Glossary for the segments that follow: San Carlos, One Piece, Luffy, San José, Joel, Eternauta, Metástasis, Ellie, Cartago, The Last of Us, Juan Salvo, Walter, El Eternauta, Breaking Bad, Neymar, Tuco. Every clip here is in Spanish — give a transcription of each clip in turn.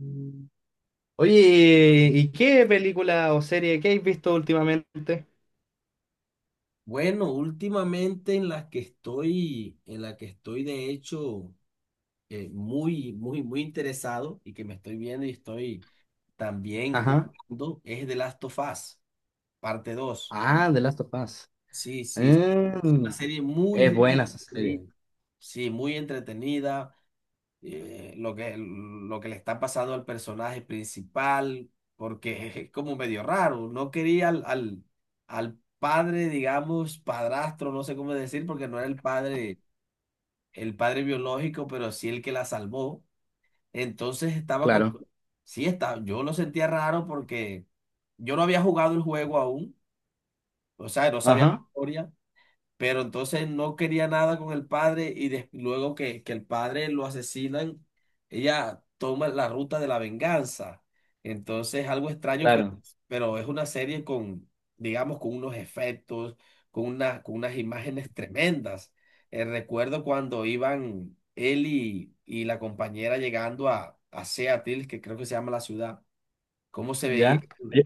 Mm. Oye, ¿y qué película o serie que has visto últimamente? Bueno, últimamente en la que estoy de hecho muy interesado y que me estoy viendo y estoy también Ajá. jugando es The Last of Us, parte 2. Ah, The Last of Us. Sí, sí, es Mm, una serie muy, es muy buena esa entretenida. serie. Sí, muy entretenida, lo que le está pasando al personaje principal, porque es como medio raro. No quería al padre, digamos, padrastro, no sé cómo decir, porque no era el padre biológico, pero sí el que la salvó. Entonces estaba como, Claro. sí está yo lo sentía raro porque yo no había jugado el juego aún, o sea, no sabía la Ajá, historia, pero entonces no quería nada con el padre y luego que el padre lo asesinan, ella toma la ruta de la venganza. Entonces, algo extraño, claro. pero es una serie con, digamos, con unos efectos, con unas imágenes tremendas. Recuerdo cuando iban él y la compañera llegando a Seattle, que creo que se llama la ciudad, cómo se veía, Ya. Yo,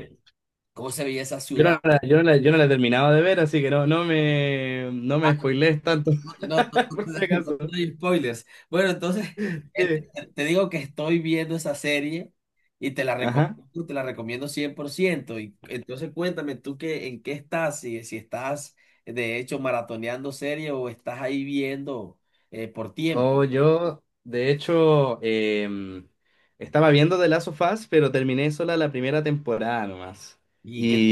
cómo se veía esa yo ciudad. no la, yo no la- yo no la he terminado de ver, así que no me spoilees tanto, No, no, no, no por si no acaso. te doy spoilers. Bueno, entonces Sí. Te digo que estoy viendo esa serie y Ajá. te la recomiendo cien por ciento. Y entonces cuéntame tú qué, en qué estás, si estás de hecho maratoneando serie o estás ahí viendo por tiempo. O yo, de hecho, estaba viendo The Last of Us, pero terminé sola la primera temporada nomás. Y que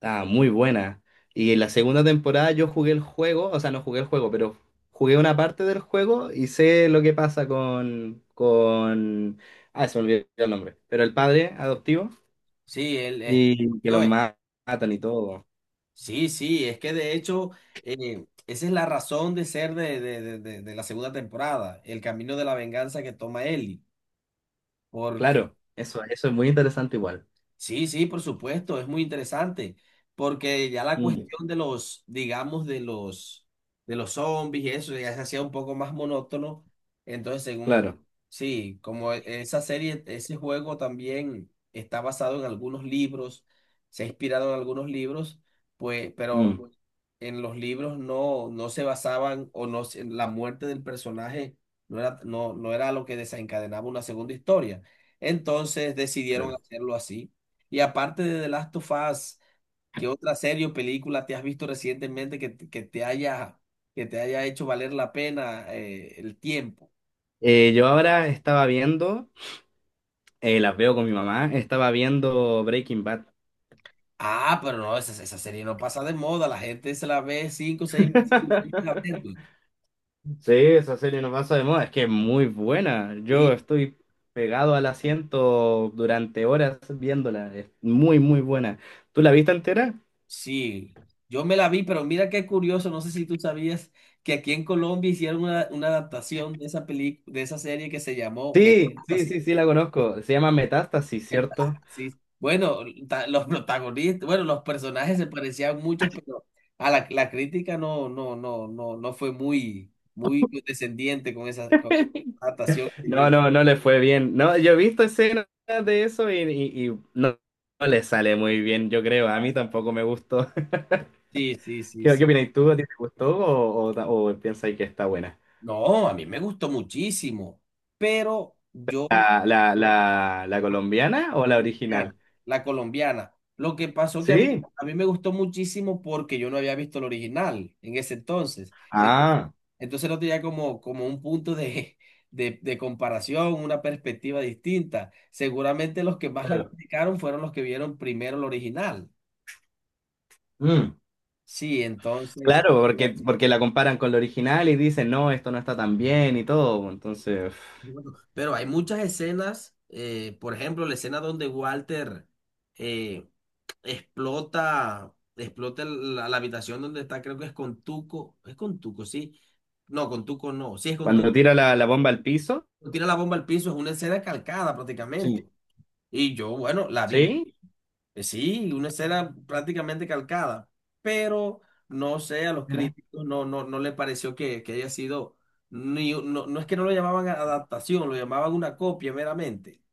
Ah, muy buena. Y en la segunda temporada yo jugué el juego, o sea, no jugué el juego, pero jugué una parte del juego y sé lo que pasa con... Ah, se me olvidó el nombre. Pero el padre adoptivo sí, él es y Joel. Matan y todo. Sí, sí, es que de hecho esa es la razón de ser de la segunda temporada, el camino de la venganza que toma Ellie. Porque Claro, eso es muy interesante igual. sí, sí, por supuesto, es muy interesante, porque ya la Mm, cuestión de los, digamos, de los zombies y eso ya se hacía un poco más monótono. Entonces, según, claro. sí, como esa serie, ese juego también está basado en algunos libros, se ha inspirado en algunos libros, pues, pero mm, en los libros no, no se basaban o no, la muerte del personaje no era, no era lo que desencadenaba una segunda historia. Entonces decidieron claro. hacerlo así. Y aparte de The Last of Us, ¿qué otra serie o película te has visto recientemente que te haya hecho valer la pena el tiempo? Yo ahora estaba viendo, las veo con mi mamá, estaba viendo Breaking Bad. Ah, pero no, esa serie no pasa de moda, la gente se la ve cinco o seis veces y vuelve a verla. Sí, esa serie no pasa de moda, es que es muy buena. Yo estoy pegado al asiento durante horas viéndola, es muy, muy buena. ¿Tú la viste entera? Sí, yo me la vi, pero mira qué curioso, no sé si tú sabías que aquí en Colombia hicieron una adaptación de esa película, de esa serie que se llamó Sí, sí, Metástasis. sí, sí, la conozco. Se llama Metástasis, ¿cierto? Metástasis. Bueno, los protagonistas, bueno, los personajes se parecían muchos, pero a la crítica no fue muy descendiente con esa adaptación. No, no, no le fue bien. No, yo he visto escenas de y no, no le sale muy bien, yo creo. A mí tampoco me gustó. Sí, sí, sí, qué sí. opinas tú? ¿A ti te gustó o piensas que está buena? No, a mí me gustó muchísimo, pero yo ¿La colombiana o la colombiana, original? la colombiana. Lo que pasó que Sí. a mí me gustó muchísimo porque yo no había visto el original en ese entonces. Ah, Entonces no tenía como, como un punto de, de comparación, una perspectiva distinta. Seguramente los que más la claro. criticaron fueron los que vieron primero el original. Mm, Sí, entonces, claro, porque la comparan con la original y dicen, no, esto no está tan bien y todo. Entonces, uf, bueno, pero hay muchas escenas, por ejemplo, la escena donde Walter... eh, explota, explota la habitación donde está, creo que es con Tuco, sí, no, con Tuco no, sí es con cuando Tuco, tira la bomba al piso. tira la bomba al piso, es una escena calcada prácticamente, Sí. y yo, bueno, la vi, ¿Sí? Sí, una escena prácticamente calcada, pero no sé, a los Mira. críticos no, no le pareció que haya sido, ni, no, no es que no lo llamaban adaptación, lo llamaban una copia meramente,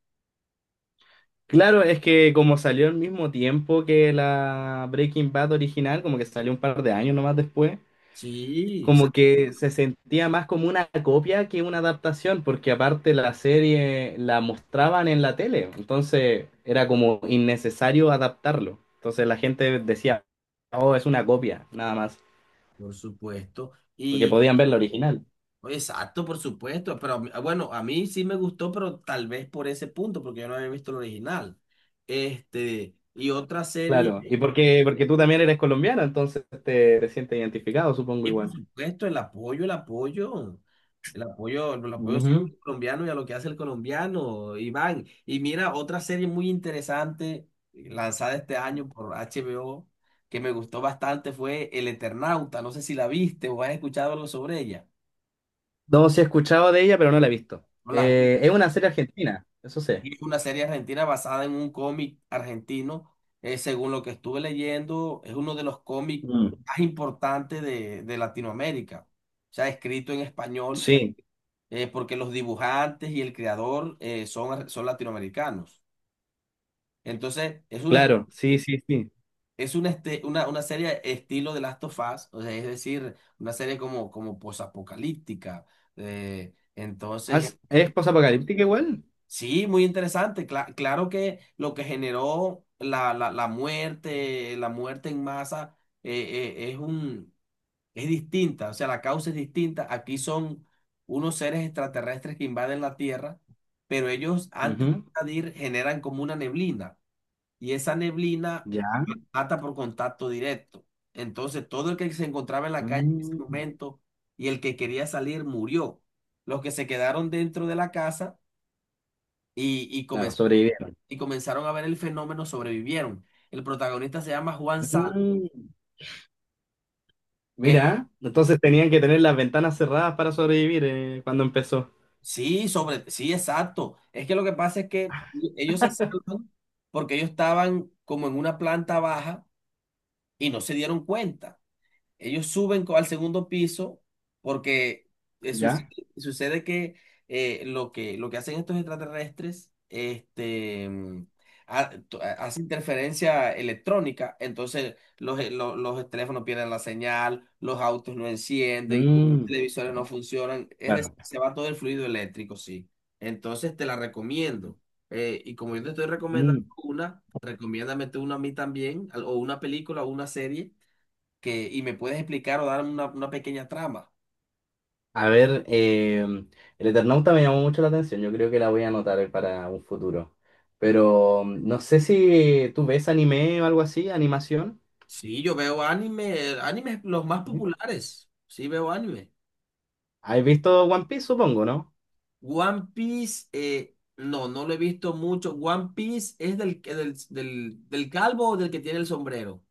Claro, es que como salió al mismo tiempo que la Breaking Bad original, como que salió un par de años nomás después, sí, como que se sentía más como una copia que una adaptación, porque aparte la serie la mostraban en la tele, entonces era como innecesario adaptarlo. Entonces la gente decía, oh, es una copia, nada más, por supuesto, porque y podían ver la original. exacto, por supuesto, pero a mí- ah, bueno, a mí sí me gustó, pero tal vez por ese punto, porque yo no había visto el original. Este, y otra Claro, y serie, porque tú también eres colombiana, entonces te sientes identificado, supongo y por igual. supuesto, el apoyo siempre Ujú. al colombiano y a lo que hace el colombiano, Iván. Y mira, otra serie muy interesante, lanzada este año por HBO, que me gustó bastante, fue El Eternauta. No sé si la viste o has escuchado algo sobre ella. No, sí he escuchado de ella, pero no la he visto. No la Es una serie argentina, eso sé. Y es una serie argentina basada en un cómic argentino. Según lo que estuve leyendo, es uno de los cómics Mm. más importantes de Latinoamérica. O sea, escrito en español, Sí, porque los dibujantes y el creador son, son latinoamericanos. Entonces, claro, sí, sí, sí. es una, una serie estilo de Last of Us, o sea, es decir, una serie como, como posapocalíptica. Entonces, Es posapocalíptica igual? sí, muy interesante. Claro que lo que generó la muerte en masa, eh, es un, es distinta, o sea, la causa es distinta. Aquí son unos seres extraterrestres que invaden la Tierra, pero ellos antes de Ujú. invadir generan como una neblina y esa neblina Ya. ata por contacto directo. Entonces, todo el que se encontraba en la calle en ese Mm. momento y el que quería salir murió. Los que se quedaron dentro de la casa y, y Claro, comenzaron sobrevivieron. y comenzaron a ver el fenómeno, sobrevivieron. El protagonista se llama Juan Salvo. Mm. Es- Mira, entonces tenían que tener las ventanas cerradas para sobrevivir, cuando empezó. sí, sobre, sí, exacto. Es que lo que pasa es que ellos se salvan porque ellos estaban como en una planta baja y no se dieron cuenta. Ellos suben al segundo piso porque eh, suce- Ya. sucede que, lo que lo que hacen estos extraterrestres este, mm, hace interferencia electrónica, entonces los, los teléfonos pierden la señal, los autos no encienden, los Mm. televisores no funcionan, es Claro. decir, se va todo el fluido eléctrico, sí. Entonces te la recomiendo. Y como yo te estoy recomendando Mm. una, recomiéndame tú una a mí también, o una película o una serie que, y me puedes explicar o dar una pequeña trama. A ver, el Eternauta me llamó mucho la atención. Yo creo que la voy a anotar para un futuro. Pero mm, no sé si tú ves anime o algo así, animación. Sí, yo veo anime, animes los más ¿Sí? populares. Sí, veo anime. ¿Has visto One Piece, supongo, ¿no? One Piece, no, no lo he visto mucho. One Piece es del calvo o del que tiene el sombrero.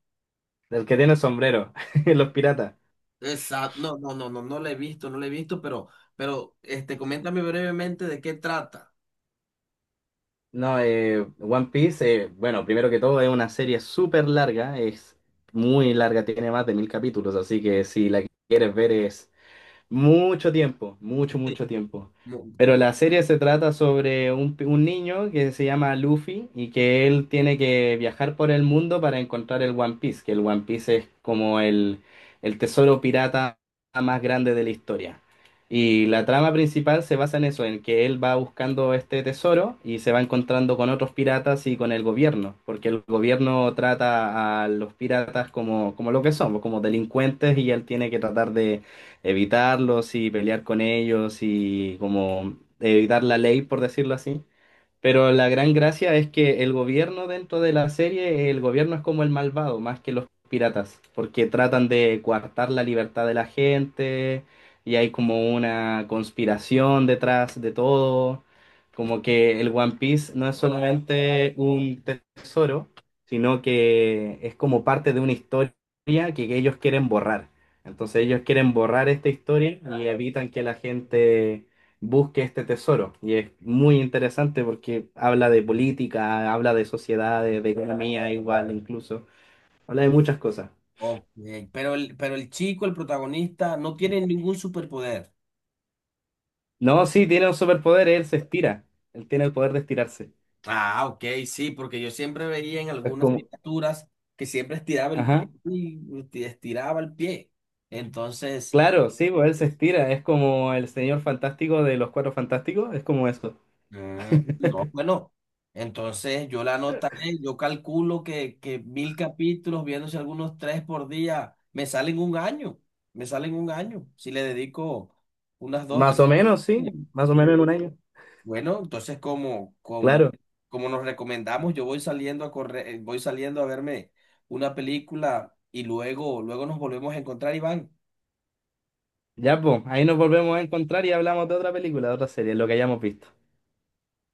El que tiene el sombrero, los piratas. Exacto. No lo he visto, no lo he visto, pero este, coméntame brevemente de qué trata. No, One Piece, bueno, primero que todo es una serie súper larga, es muy larga, tiene más de mil capítulos, así que si la quieres ver es mucho tiempo, mucho, Sí. mucho tiempo. No, Pero la serie se trata sobre un niño que se llama Luffy y que él tiene que viajar por el mundo para encontrar el One Piece, que el One Piece es como el tesoro pirata más grande de la historia. Y la trama principal se basa en eso, en que él va buscando este tesoro y se va encontrando con otros piratas y con el gobierno, porque el gobierno trata a los piratas como, como lo que son, como delincuentes y él tiene que tratar de evitarlos y pelear con ellos y como evitar la ley, por decirlo así. Pero la gran gracia es que el gobierno dentro de la serie, el gobierno es como el malvado, más que los piratas, porque tratan de coartar la libertad de la gente y hay como una conspiración detrás de todo, como que el One Piece no es solamente un tesoro, sino que es como parte de una historia que ellos quieren borrar. Entonces ellos quieren borrar esta historia y evitan que la gente busque este tesoro. Y es muy interesante porque habla de política, habla de sociedades, de economía igual, incluso. Habla de muchas cosas. ok, pero el, pero el chico, el protagonista, no tiene ningún superpoder. No, sí, tiene un superpoder, él se estira. Él tiene el poder de estirarse. Ah, ok, sí, porque yo siempre veía en Es algunas como... miniaturas que siempre estiraba el pie Ajá. y estiraba el pie. Entonces, Claro, sí, pues él se estira. Es como el señor fantástico de los Cuatro Fantásticos. Es como eso. mm, no, bueno, entonces yo la anotaré, yo calculo que mil capítulos, viéndose algunos tres por día, me salen un año, me salen un año, si le dedico unas dos, Más tres. o menos, sí. Más o menos en un año. Bueno, entonces Claro. como nos recomendamos, yo voy saliendo a correr, voy saliendo a verme una película y luego, luego nos volvemos a encontrar, Iván. Ya, pues, ahí nos volvemos a encontrar y hablamos de otra película, de otra serie, lo que hayamos visto.